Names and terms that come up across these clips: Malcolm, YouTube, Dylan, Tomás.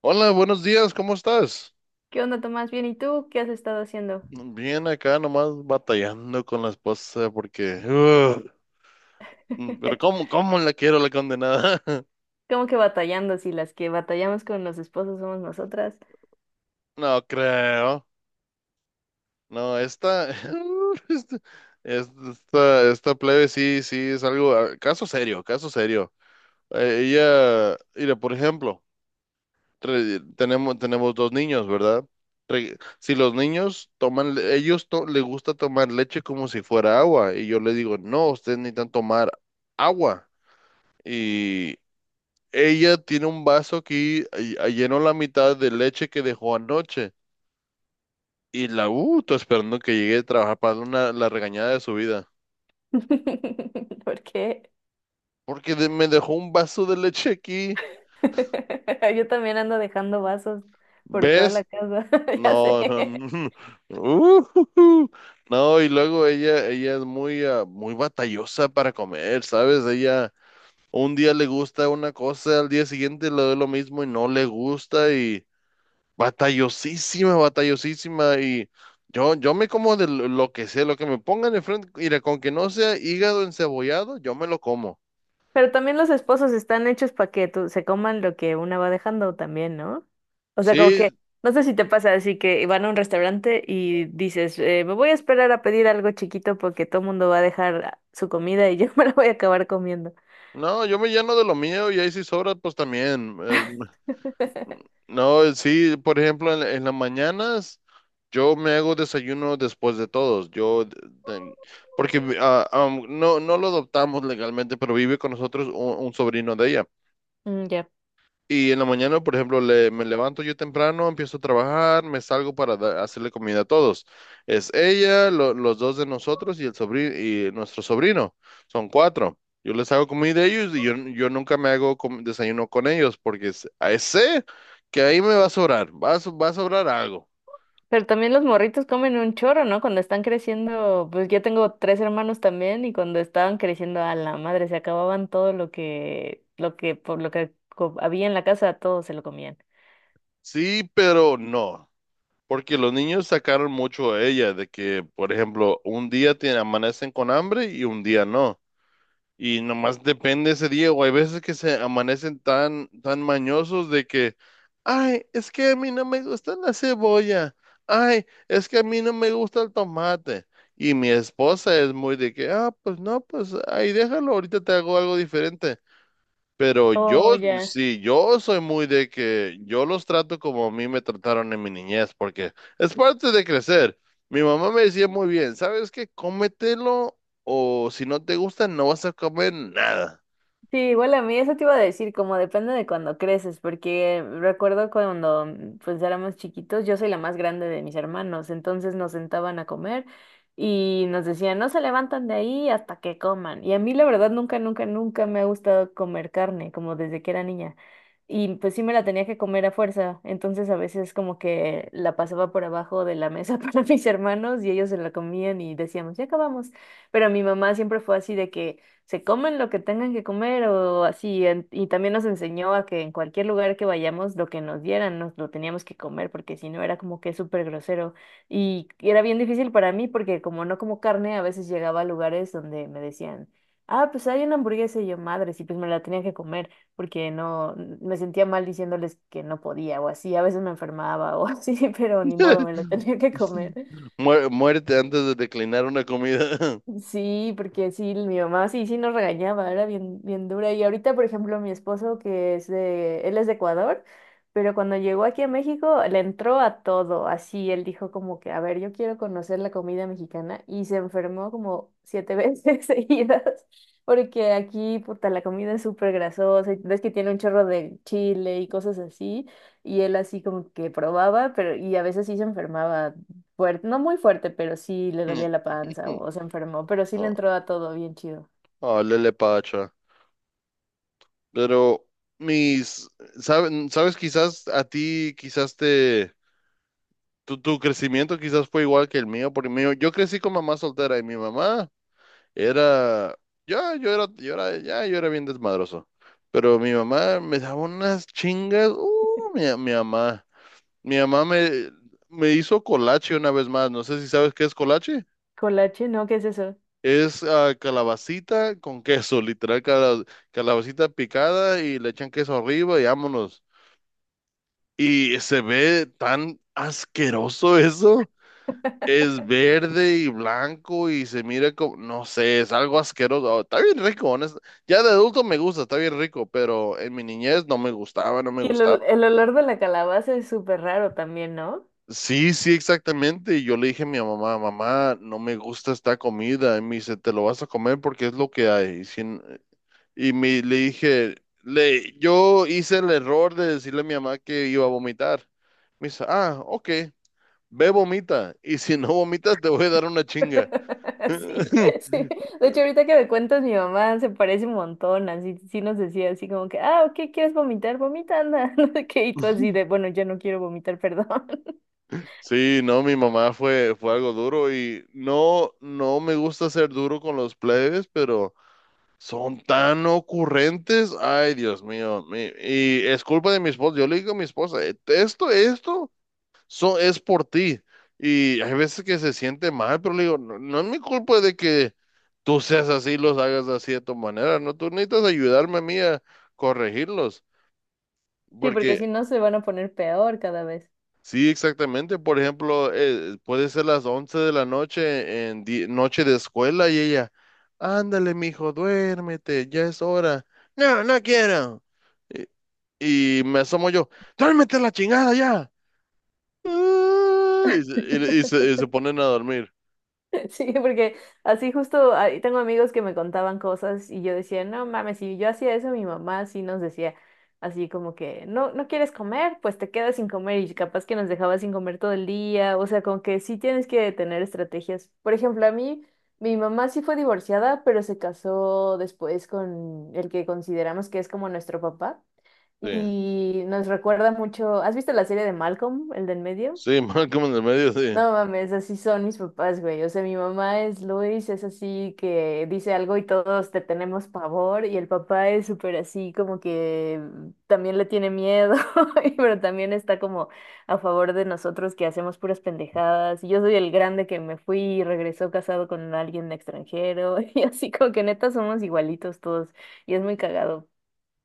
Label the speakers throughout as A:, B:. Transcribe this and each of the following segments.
A: Hola, buenos días, ¿cómo estás?
B: ¿Qué onda, Tomás? Bien, ¿y tú qué has estado haciendo?
A: Bien acá nomás batallando con la esposa porque... pero ¿cómo, cómo la quiero la condenada?
B: ¿Cómo que batallando si las que batallamos con los esposos somos nosotras?
A: No creo. No, Esta, esta plebe sí, sí, es algo... Caso serio, caso serio. Ella... Mira, por ejemplo. Tenemos dos niños, ¿verdad? Si los niños toman, les gusta tomar leche como si fuera agua, y yo le digo, no, ustedes necesitan tomar agua. Y ella tiene un vaso aquí, y llenó la mitad de leche que dejó anoche, y estoy esperando que llegue a trabajar para darle la regañada de su vida,
B: ¿Por qué?
A: porque me dejó un vaso de leche aquí,
B: Yo también ando dejando vasos por toda la
A: ¿ves?
B: casa, ya
A: No, no,
B: sé.
A: no. Ujujú. No, y luego ella es muy batallosa para comer, ¿sabes? Ella un día le gusta una cosa, al día siguiente le doy lo mismo y no le gusta y batallosísima, batallosísima, y yo me como de lo que sea, lo que me pongan enfrente, mira, con que no sea hígado encebollado, yo me lo como.
B: Pero también los esposos están hechos para que se coman lo que una va dejando también, ¿no? O sea, como
A: Sí,
B: que no sé si te pasa así que van a un restaurante y dices, me voy a esperar a pedir algo chiquito porque todo el mundo va a dejar su comida y yo me la voy a acabar comiendo.
A: no, yo me lleno de lo mío y ahí si sobra, pues también. No, sí, por ejemplo, en las mañanas yo me hago desayuno después de todos. De- Porque no, no lo adoptamos legalmente, pero vive con nosotros un sobrino de ella.
B: Mm, ya.
A: Y en la mañana, por ejemplo, me levanto yo temprano, empiezo a trabajar, me salgo para hacerle comida a todos. Es ella, los dos de nosotros y el sobrino y nuestro sobrino. Son cuatro. Yo les hago comida a ellos y yo nunca me hago desayuno con ellos porque ahí sé que ahí me va a sobrar, va a sobrar algo.
B: Pero también los morritos comen un chorro, ¿no? Cuando están creciendo, pues yo tengo tres hermanos también y cuando estaban creciendo a la madre se acababan todo lo que, por lo que co- había en la casa, todo se lo comían.
A: Sí, pero no. Porque los niños sacaron mucho a ella de que, por ejemplo, un día tiene, amanecen con hambre y un día no. Y nomás depende ese día, o hay veces que se amanecen tan mañosos de que, ay, es que a mí no me gusta la cebolla, ay, es que a mí no me gusta el tomate. Y mi esposa es muy de que, ah, pues no, pues ahí déjalo, ahorita te hago algo diferente. Pero
B: Oh, ya.
A: sí, yo soy muy de que yo los trato como a mí me trataron en mi niñez, porque es parte de crecer. Mi mamá me decía muy bien, ¿sabes qué? Cómetelo, o si no te gusta no vas a comer nada.
B: Sí, igual a mí eso te iba a decir, como depende de cuando creces, porque recuerdo cuando pues éramos chiquitos, yo soy la más grande de mis hermanos, entonces nos sentaban a comer y nos decían, no se levantan de ahí hasta que coman. Y a mí la verdad nunca, nunca, nunca me ha gustado comer carne, como desde que era niña. Y pues sí me la tenía que comer a fuerza, entonces a veces como que la pasaba por abajo de la mesa para mis hermanos y ellos se la comían y decíamos, ya acabamos. Pero mi mamá siempre fue así de que se comen lo que tengan que comer o así. Y también nos enseñó a que en cualquier lugar que vayamos, lo que nos dieran, nos lo teníamos que comer, porque si no era como que súper grosero. Y era bien difícil para mí, porque como no como carne, a veces llegaba a lugares donde me decían, ah, pues hay una hamburguesa y yo, madres, y pues me la tenía que comer, porque no, me sentía mal diciéndoles que no podía o así. A veces me enfermaba o así, pero ni modo, me lo tenía que comer.
A: Muérete antes de declinar una comida.
B: Sí, porque sí, mi mamá sí, sí nos regañaba, era bien, bien dura. Y ahorita, por ejemplo, mi esposo, que es de, él es de Ecuador, pero cuando llegó aquí a México, le entró a todo, así, él dijo como que, a ver, yo quiero conocer la comida mexicana, y se enfermó como 7 veces seguidas, porque aquí, puta, la comida es súper grasosa, y ves que tiene un chorro de chile y cosas así, y él así como que probaba, pero, y a veces sí se enfermaba fuerte, no muy fuerte, pero sí le dolía la panza o se enfermó, pero sí le
A: Oh,
B: entró a todo bien chido.
A: oh, lele pacha. Pero mis, ¿sabes? Quizás a ti, tu crecimiento quizás fue igual que el mío, porque mío, yo crecí con mamá soltera y mi mamá. Era, ya, yo era, ya, yo era bien desmadroso. Pero mi mamá me daba unas chingas. Mi mamá. Mi mamá me, me hizo colache una vez más. No sé si sabes qué es colache.
B: Colache, ¿no? ¿Qué es eso?
A: Es calabacita con queso, literal, calabacita picada y le echan queso arriba y vámonos. Y se ve tan asqueroso eso. Es verde y blanco y se mira como, no sé, es algo asqueroso. Está bien rico, honesto. Ya de adulto me gusta, está bien rico, pero en mi niñez no me gustaba, no me
B: Y el,
A: gustaba.
B: ol- el olor de la calabaza es súper raro también, ¿no?
A: Sí, sí, exactamente. Y yo le dije a mi mamá, mamá, no me gusta esta comida. Y me dice, te lo vas a comer porque es lo que hay. Y, sin- y me, le dije, yo hice el error de decirle a mi mamá que iba a vomitar. Me dice, ah, ok, vomita. Y si no vomitas, te voy a dar una chinga.
B: Sí, sí. De hecho, ahorita que me cuentas, mi mamá se parece un montón, así, sí nos decía así como que, ah, ok, ¿quieres vomitar? Vomita, anda, no sé qué, y tú así de, bueno, ya no quiero vomitar, perdón.
A: Sí, no, mi mamá fue algo duro y no, no me gusta ser duro con los plebes, pero son tan ocurrentes. Ay, Dios mío. Y es culpa de mi esposa. Yo le digo a mi esposa, esto es por ti. Y hay veces que se siente mal, pero le digo, no, no es mi culpa de que tú seas así, los hagas así de tu manera. No, tú necesitas ayudarme a mí a corregirlos.
B: Sí, porque si no se van a poner peor cada vez.
A: Sí, exactamente. Por ejemplo, puede ser las 11 de la noche en noche de escuela y ella, ándale, mijo, duérmete, ya es hora. No, no quiero. Y me asomo yo, duérmete la chingada ya. Y se ponen a dormir.
B: Sí, porque así justo ahí tengo amigos que me contaban cosas y yo decía, no mames, si yo hacía eso, mi mamá sí nos decía así como que, no, no quieres comer, pues te quedas sin comer y capaz que nos dejaba sin comer todo el día, o sea, como que sí tienes que tener estrategias. Por ejemplo, a mí, mi mamá sí fue divorciada, pero se casó después con el que consideramos que es como nuestro papá
A: Sí,
B: y nos recuerda mucho, ¿has visto la serie de Malcolm, el del medio?
A: sí, más como en el medio, sí.
B: No mames, así son mis papás, güey. O sea, mi mamá es Luis, es así que dice algo y todos te tenemos pavor. Y el papá es súper así, como que también le tiene miedo, pero también está como a favor de nosotros que hacemos puras pendejadas. Y yo soy el grande que me fui y regresó casado con alguien extranjero. Y así como que neta somos igualitos todos. Y es muy cagado.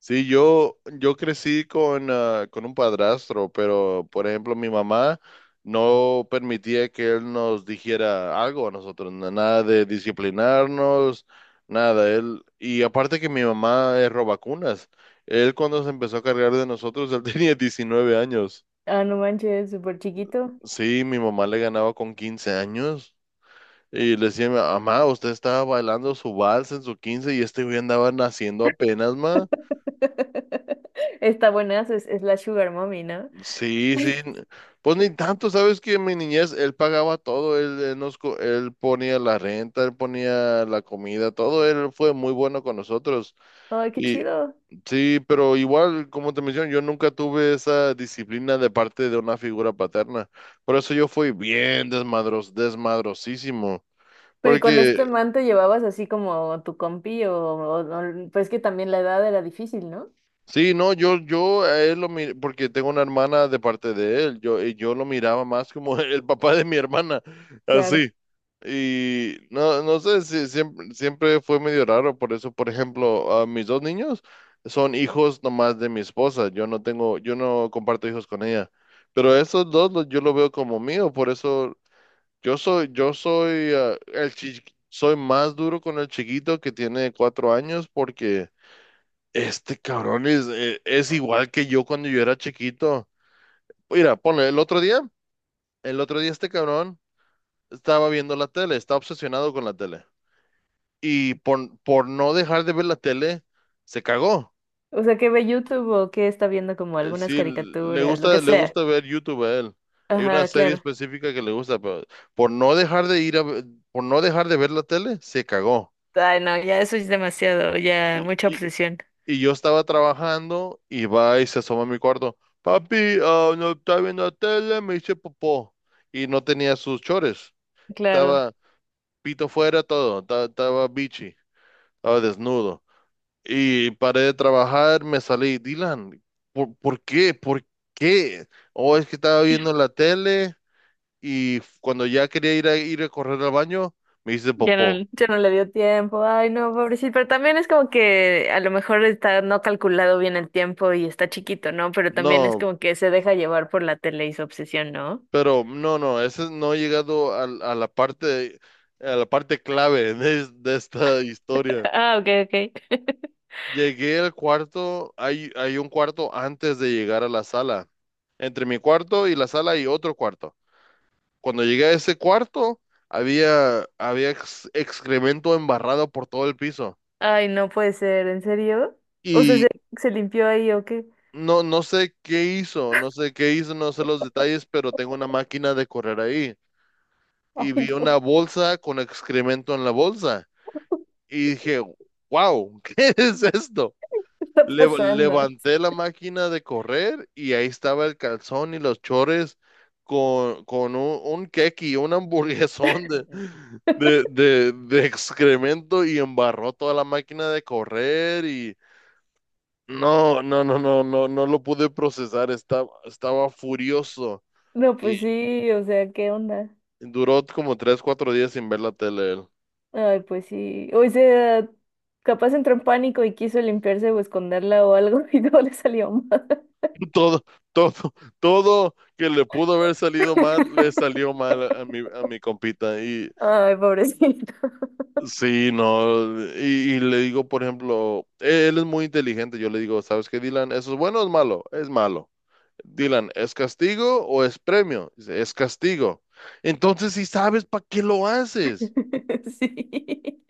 A: Sí, yo crecí con, con un padrastro, pero por ejemplo mi mamá no permitía que él nos dijera algo a nosotros, nada de disciplinarnos, nada. Él, y aparte que mi mamá es robacunas, él cuando se empezó a cargar de nosotros, él tenía 19 años.
B: Ah, no manches, súper chiquito.
A: Sí, mi mamá le ganaba con 15 años y le decía, mamá, usted estaba bailando su vals en su 15 y este güey andaba naciendo apenas, ma.
B: Está buenazo, es la Sugar Mommy, ¿no?
A: Sí, sí. n- Pues ni tanto, sabes que en mi niñez él pagaba todo, él nos, él ponía la renta, él ponía la comida, todo, él fue muy bueno con nosotros.
B: Ay, qué
A: Y
B: chido.
A: sí, pero igual, como te menciono, yo nunca tuve esa disciplina de parte de una figura paterna. Por eso yo fui bien desmadrosísimo.
B: Pero ¿y con este
A: Porque
B: man te llevabas así como tu compi o no? Pues es que también la edad era difícil, ¿no?
A: sí, no, yo a él lo miré, porque tengo una hermana de parte de él, yo, y yo lo miraba más como el papá de mi hermana,
B: Claro.
A: así. Y no, no sé, si siempre fue medio raro, por eso, por ejemplo, a mis dos niños son hijos nomás de mi esposa, yo no tengo, yo no comparto hijos con ella, pero esos dos yo lo veo como mío, por eso yo soy, soy más duro con el chiquito que tiene 4 años, porque... Este cabrón es igual que yo cuando yo era chiquito. Mira, ponle, el otro día este cabrón estaba viendo la tele, está obsesionado con la tele. Y por no dejar de ver la tele, se cagó.
B: O sea, que ve YouTube o que está viendo como algunas
A: Sí,
B: caricaturas, lo que
A: le
B: sea.
A: gusta ver YouTube a él. Hay una
B: Ajá,
A: serie
B: claro.
A: específica que le gusta, pero por no dejar de ir a, ve- por no dejar de ver la tele, se cagó.
B: Ay, no, ya eso es demasiado, ya
A: Y,
B: mucha
A: y,
B: obsesión.
A: Y yo estaba trabajando y va y se asoma a mi cuarto. Papi, ah, no está viendo la tele, me hice popó. Y no tenía sus chores.
B: Claro.
A: Estaba pito fuera todo. Estaba bichi. Estaba desnudo. Y paré de trabajar, me salí. Dylan, ¿por qué? ¿Por qué? Oh, es que estaba viendo la tele y cuando ya quería ir a correr al baño, me hice
B: Ya
A: popó.
B: no, ya no le dio tiempo. Ay, no, pobrecito. Pero también es como que a lo mejor está no calculado bien el tiempo y está chiquito, ¿no? Pero también es
A: No,
B: como que se deja llevar por la tele y su obsesión, ¿no?
A: pero no, no, ese no ha llegado a la parte, a la parte clave de, de esta historia.
B: Ah, ok, ok.
A: Llegué al cuarto, hay un cuarto antes de llegar a la sala. Entre mi cuarto y la sala hay otro cuarto. Cuando llegué a ese cuarto, había excremento embarrado por todo el piso.
B: Ay, no puede ser, ¿en serio? O sea,
A: Y
B: ¿se limpió ahí o qué?
A: no, no sé qué hizo, no sé qué hizo, no sé los detalles, pero tengo una máquina de correr ahí. Y
B: Ay,
A: vi
B: no,
A: una bolsa con excremento en la bolsa. Y dije, wow, ¿qué es esto?
B: ¿qué está pasando?
A: Levanté la máquina de correr y ahí estaba el calzón y los chores con un keki, un hamburguesón de excremento, y embarró toda la máquina de correr y no, no, no, no, no, no lo pude procesar, estaba furioso
B: No,
A: y
B: pues sí, o sea, ¿qué onda?
A: duró como 3, 4 días sin ver la tele. Él.
B: Ay, pues sí. O sea, capaz entró en pánico y quiso limpiarse o esconderla o algo y no le salió mal.
A: Todo, todo, todo que le pudo haber salido mal, le salió mal a a mi compita. Y
B: Ay, pobrecito.
A: sí, no, y le digo, por ejemplo, e, él es muy inteligente. Yo le digo, ¿sabes qué, Dylan? ¿Eso es bueno o es malo? Es malo. Dylan, ¿es castigo o es premio? Dice, es castigo. Entonces, si sabes, ¿para qué lo haces?
B: Sí.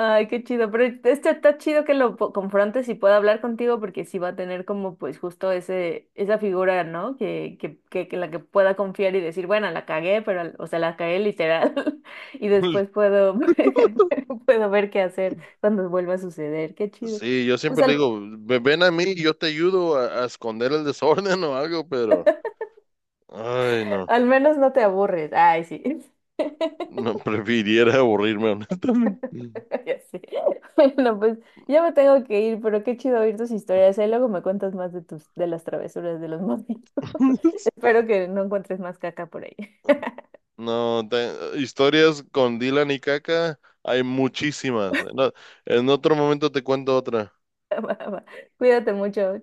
B: Ay, qué chido, pero este está chido que lo confrontes y pueda hablar contigo porque sí va a tener como pues justo ese, esa figura, ¿no? Que la que pueda confiar y decir, bueno, la cagué, pero, o sea, la cagué literal y después puedo, puedo ver qué hacer cuando vuelva a suceder, qué chido.
A: Sí, yo
B: Pues
A: siempre le digo, ven a mí y yo te ayudo a esconder el desorden o algo, pero, ay, no.
B: al menos no te aburres, ay, sí.
A: No, prefiriera aburrirme, honestamente.
B: Ya sé. Bueno, pues ya me tengo que ir, pero qué chido oír tus historias. Ahí luego me cuentas más de tus, de las travesuras de los monitos. Espero que no encuentres más caca por ahí.
A: No, historias con Dylan y Caca hay muchísimas. No, en otro momento te cuento otra.
B: Va, va. Cuídate mucho.